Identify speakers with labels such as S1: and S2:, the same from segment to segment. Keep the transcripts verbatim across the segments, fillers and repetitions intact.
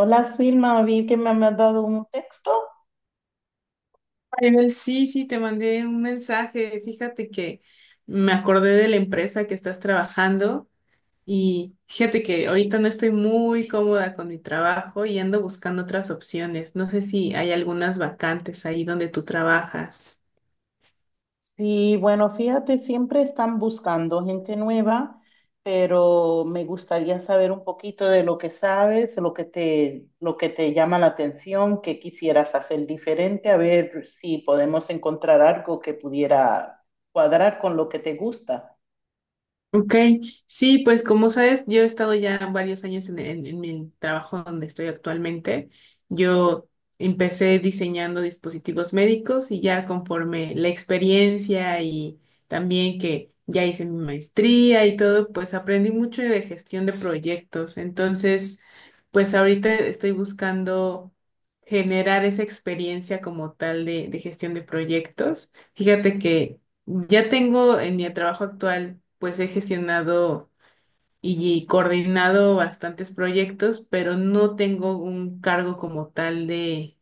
S1: Hola, Silma, vi que me has dado un texto.
S2: Ariel, sí, sí, te mandé un mensaje. Fíjate que me acordé de la empresa que estás trabajando y fíjate que ahorita no estoy muy cómoda con mi trabajo y ando buscando otras opciones. No sé si hay algunas vacantes ahí donde tú trabajas.
S1: Sí, bueno, fíjate, siempre están buscando gente nueva, pero me gustaría saber un poquito de lo que sabes, lo que te, lo que te llama la atención, qué quisieras hacer diferente, a ver si podemos encontrar algo que pudiera cuadrar con lo que te gusta.
S2: Ok, sí, pues como sabes, yo he estado ya varios años en, en- en mi trabajo donde estoy actualmente. Yo empecé diseñando dispositivos médicos y ya conforme la experiencia y también que ya hice mi maestría y todo, pues aprendí mucho de gestión de proyectos. Entonces, pues ahorita estoy buscando generar esa experiencia como tal de, de gestión de proyectos. Fíjate que ya tengo en mi trabajo actual, pues he gestionado y coordinado bastantes proyectos, pero no tengo un cargo como tal de,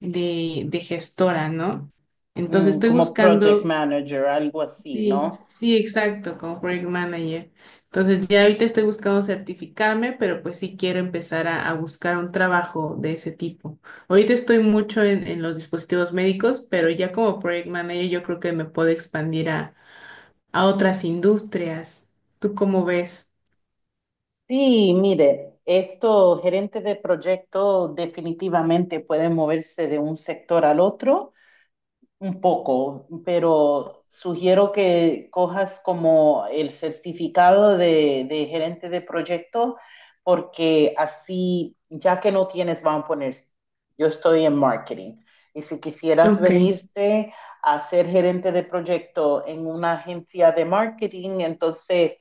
S2: de, de gestora, ¿no? Entonces
S1: Mm,
S2: estoy
S1: como project
S2: buscando,
S1: manager, algo así,
S2: sí,
S1: ¿no?
S2: sí, exacto, como project manager. Entonces ya ahorita estoy buscando certificarme, pero pues sí quiero empezar a, a buscar un trabajo de ese tipo. Ahorita estoy mucho en, en los dispositivos médicos, pero ya como project manager yo creo que me puedo expandir a a otras industrias. ¿Tú cómo ves?
S1: Sí, mire, estos gerentes de proyecto definitivamente pueden moverse de un sector al otro un poco, pero sugiero que cojas como el certificado de, de gerente de proyecto, porque así, ya que no tienes, vamos a poner, yo estoy en marketing, y si quisieras
S2: Ok.
S1: venirte a ser gerente de proyecto en una agencia de marketing, entonces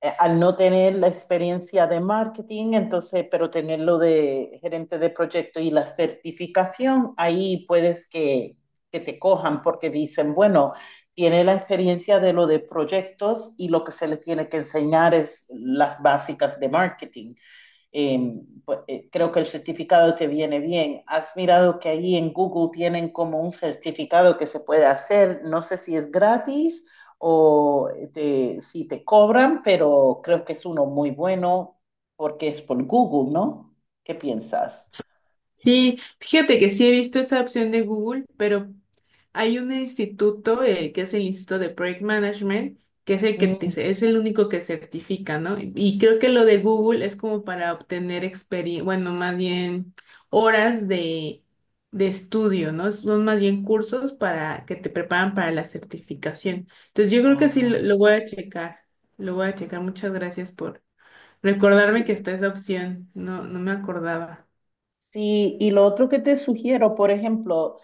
S1: eh, al no tener la experiencia de marketing, entonces, pero tenerlo de gerente de proyecto y la certificación, ahí puedes que, que te cojan porque dicen, bueno, tiene la experiencia de lo de proyectos y lo que se le tiene que enseñar es las básicas de marketing. Eh, pues, eh, creo que el certificado te viene bien. Has mirado que ahí en Google tienen como un certificado que se puede hacer, no sé si es gratis o eh, te- si te cobran, pero creo que es uno muy bueno porque es por Google, ¿no? ¿Qué piensas?
S2: Sí, fíjate que sí he visto esa opción de Google, pero hay un instituto eh, que es el Instituto de Project Management, que es el que te-
S1: Mm,
S2: es el único que certifica, ¿no? Y creo que lo de Google es como para obtener experiencia, bueno, más bien horas de, de estudio, ¿no? Son más bien cursos para que te preparan para la certificación. Entonces yo creo que sí
S1: ajá.
S2: lo lo voy a checar, lo voy a checar. Muchas gracias por recordarme que está esa opción. No, no me acordaba.
S1: Sí, y lo otro que te sugiero, por ejemplo,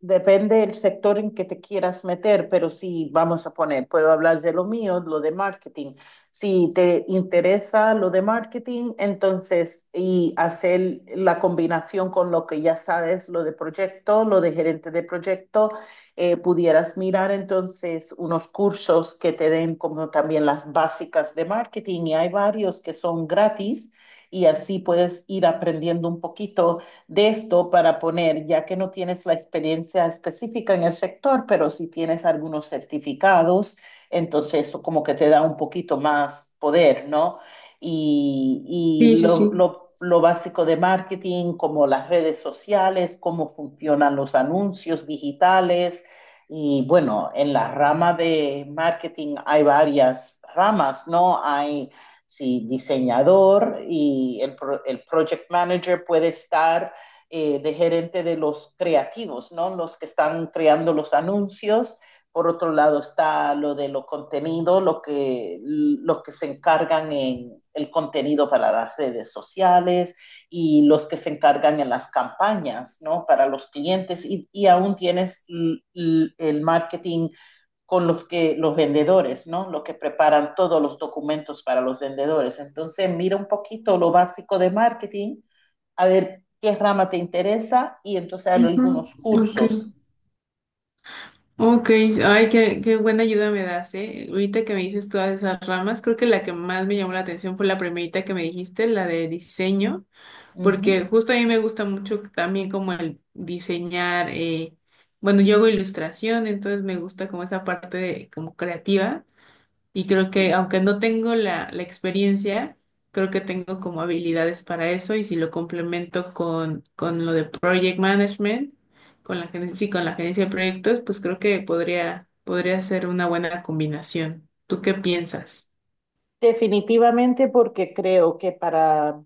S1: depende del sector en que te quieras meter, pero si vamos a poner, puedo hablar de lo mío, lo de marketing. Si te interesa lo de marketing, entonces, y hacer la combinación con lo que ya sabes, lo de proyecto, lo de gerente de proyecto, eh, pudieras mirar entonces unos cursos que te den como también las básicas de marketing, y hay varios que son gratis y así puedes ir aprendiendo un poquito de esto para poner, ya que no tienes la experiencia específica en el sector, pero si tienes algunos certificados, entonces eso como que te da un poquito más poder, ¿no? Y, y
S2: Sí, sí,
S1: lo,
S2: sí.
S1: lo, lo básico de marketing, como las redes sociales, cómo funcionan los anuncios digitales. Y bueno, en la rama de marketing hay varias ramas, ¿no? Hay si diseñador y el, el project manager puede estar eh, de gerente de los creativos, ¿no? Los que están creando los anuncios. Por otro lado está lo de los contenidos, lo que, los que se encargan en el contenido para las redes sociales y los que se encargan en las campañas, ¿no? Para los clientes, y, y aún tienes el marketing con los que los vendedores, ¿no? Los que preparan todos los documentos para los vendedores. Entonces, mira un poquito lo básico de marketing, a ver qué rama te interesa y entonces hay
S2: Ujú.
S1: algunos
S2: Ok.
S1: cursos.
S2: Ok. Ay, qué, qué buena ayuda me das, ¿eh? Ahorita que me dices todas esas ramas, creo que la que más me llamó la atención fue la primerita que me dijiste, la de diseño,
S1: Uh -huh.
S2: porque justo a mí me gusta mucho también como el diseñar, eh, bueno, yo hago ilustración, entonces me gusta como esa parte de, como creativa. Y creo que aunque no tengo la, la experiencia, creo que tengo como habilidades para eso y si lo complemento con, con lo de project management, con la gerencia, sí, con la gerencia de proyectos, pues creo que podría, podría ser una buena combinación. ¿Tú qué piensas?
S1: Definitivamente porque creo que para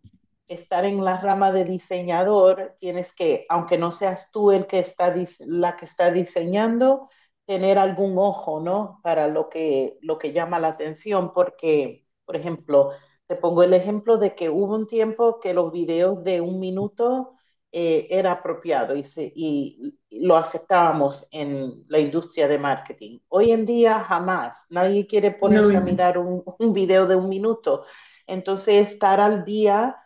S1: estar en la rama de diseñador tienes que, aunque no seas tú el que está dis- la que está diseñando, tener algún ojo, ¿no? Para lo que lo que llama la atención, porque, por ejemplo, te pongo el ejemplo de que hubo un tiempo que los videos de un minuto eh, era apropiado y, se- y lo aceptábamos en la industria de marketing. Hoy en día jamás, nadie quiere ponerse a
S2: Nómina.
S1: mirar un, un video de un minuto. Entonces, estar al día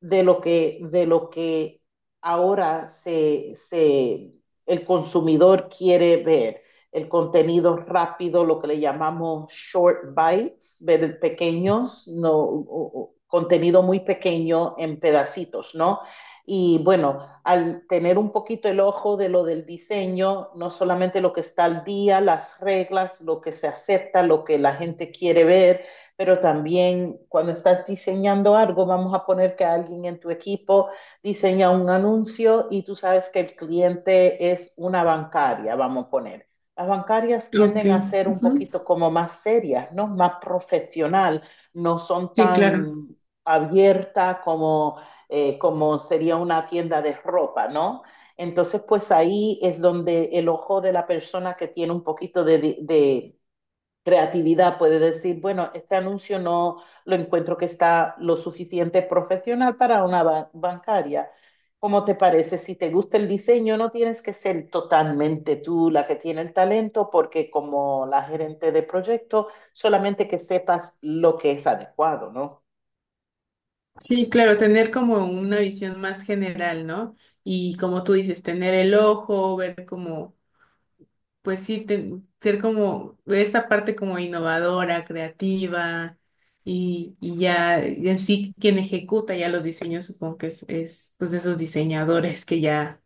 S1: de lo que, de lo que ahora se, se, el consumidor quiere ver. El contenido rápido, lo que le llamamos short bites, ver pequeños, no, contenido muy pequeño en pedacitos, ¿no? Y bueno, al tener un poquito el ojo de lo del diseño, no solamente lo que está al día, las reglas, lo que se acepta, lo que la gente quiere ver, pero también cuando estás diseñando algo, vamos a poner que alguien en tu equipo diseña un anuncio y tú sabes que el cliente es una bancaria, vamos a poner. Las bancarias
S2: Ok.
S1: tienden a ser un
S2: Ujú.
S1: poquito como más serias, ¿no? Más profesional, no son
S2: Sí, claro.
S1: tan abiertas como, eh, como sería una tienda de ropa, ¿no? Entonces, pues ahí es donde el ojo de la persona que tiene un poquito de, de, creatividad, puede decir, bueno, este anuncio no lo encuentro que está lo suficiente profesional para una ba- bancaria. ¿Cómo te parece? Si te gusta el diseño, no tienes que ser totalmente tú la que tiene el talento, porque como la gerente de proyecto, solamente que sepas lo que es adecuado, ¿no?
S2: Sí, claro, tener como una visión más general, ¿no? Y como tú dices, tener el ojo, ver como pues sí, te- ser como esta parte como innovadora, creativa y, y ya en sí quien ejecuta ya los diseños, supongo que es, es pues esos diseñadores que ya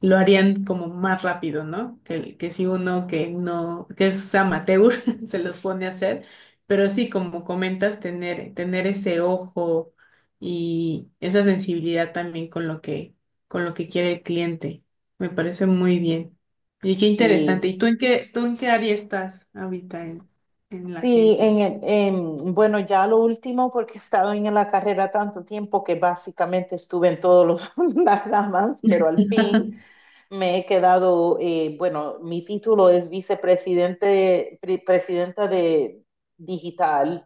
S2: lo harían como más rápido, ¿no? Que, que si uno que no, que es amateur, se los pone a hacer, pero sí, como comentas, tener, tener ese ojo y esa sensibilidad también con lo que, con lo que quiere el cliente. Me parece muy bien. Y qué interesante.
S1: Sí,
S2: ¿Y tú en qué, tú en qué área estás ahorita en, en la
S1: sí, en,
S2: agencia?
S1: el- en- bueno, ya lo último, porque he estado en la carrera tanto tiempo que básicamente estuve en todas las ramas, pero al fin. Me he quedado, eh, bueno, mi título es vicepresidente, pre- presidenta de digital.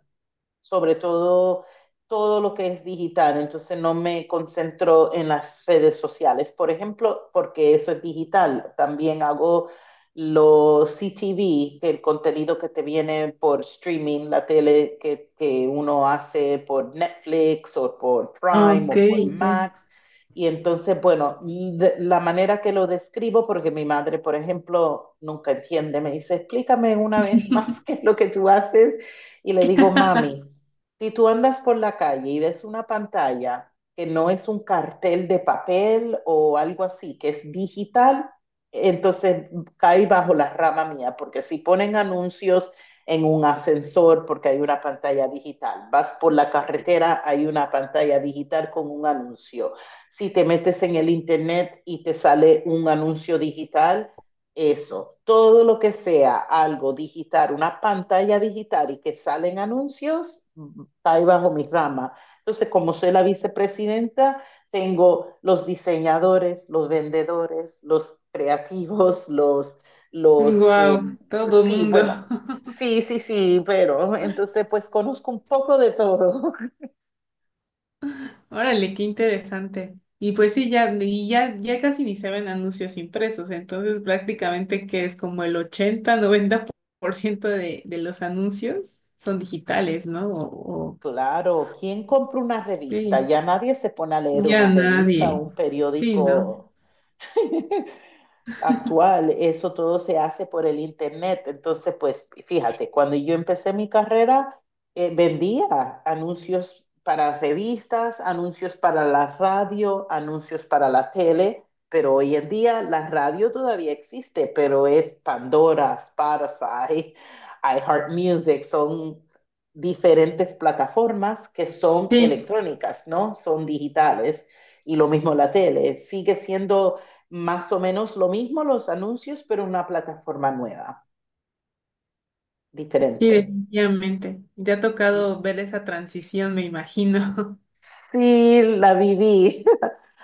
S1: Sobre todo todo lo que es digital, entonces no me concentro en las redes sociales, por ejemplo, porque eso es digital. También hago los C T V, que el contenido que te viene por streaming, la tele que, que uno hace por Netflix o por Prime
S2: Ok,
S1: o por
S2: sí.
S1: Max. Y entonces, bueno, y de- la manera que lo describo, porque mi madre, por ejemplo, nunca entiende, me dice, explícame una vez más qué es lo que tú haces, y le digo, mami, si tú andas por la calle y ves una pantalla que no es un cartel de papel o algo así, que es digital, entonces cae bajo la rama mía, porque si ponen anuncios en un ascensor porque hay una pantalla digital, vas por la carretera, hay una pantalla digital con un anuncio. Si te metes en el internet y te sale un anuncio digital, eso, todo lo que sea algo digital, una pantalla digital y que salen anuncios, está ahí bajo mi rama. Entonces, como soy la vicepresidenta, tengo los diseñadores, los vendedores, los creativos, los, los, eh,
S2: Wow, todo
S1: sí,
S2: mundo.
S1: bueno, sí, sí, sí, pero entonces pues conozco un poco de todo.
S2: Órale, qué interesante. Y pues sí, ya, y ya, ya casi ni se ven anuncios impresos, entonces prácticamente que es como el ochenta noventa por ciento de, de los anuncios son digitales, ¿no? O, o-
S1: Claro, ¿quién compra una revista?
S2: sí,
S1: Ya nadie se pone a leer
S2: ya
S1: una revista o
S2: nadie.
S1: un
S2: Sí, ¿no?
S1: periódico. Actual, eso todo se hace por el internet. Entonces, pues fíjate, cuando yo empecé mi carrera, eh, vendía anuncios para revistas, anuncios para la radio, anuncios para la tele, pero hoy en día la radio todavía existe, pero es Pandora, Spotify, iHeartMusic, son diferentes plataformas que son
S2: Sí,
S1: electrónicas, ¿no? Son digitales. Y lo mismo la tele, sigue siendo más o menos lo mismo los anuncios, pero una plataforma nueva,
S2: sí,
S1: diferente.
S2: definitivamente. Te ha tocado ver esa transición, me imagino.
S1: Sí, la viví.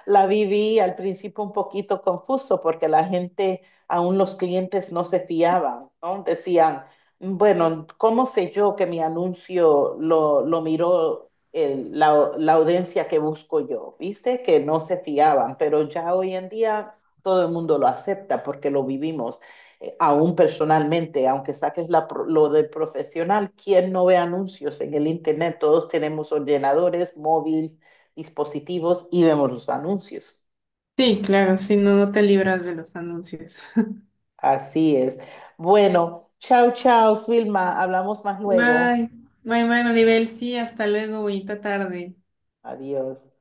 S1: La viví al principio un poquito confuso porque la gente, aún los clientes no se fiaban, ¿no? Decían, bueno, ¿cómo sé yo que mi anuncio lo, lo miró el- la, la audiencia que busco yo? ¿Viste? Que no se fiaban, pero ya hoy en día todo el mundo lo acepta porque lo vivimos. eh, aún personalmente, aunque saques la pro- lo de profesional, ¿quién no ve anuncios en el internet? Todos tenemos ordenadores, móvil, dispositivos y vemos los anuncios.
S2: Sí, claro, sí, no, no te libras de los anuncios.
S1: Así es. Bueno, chao, chao, Vilma. Hablamos más luego.
S2: Bye, bye, bye, Maribel. Sí, hasta luego, bonita tarde.
S1: Adiós.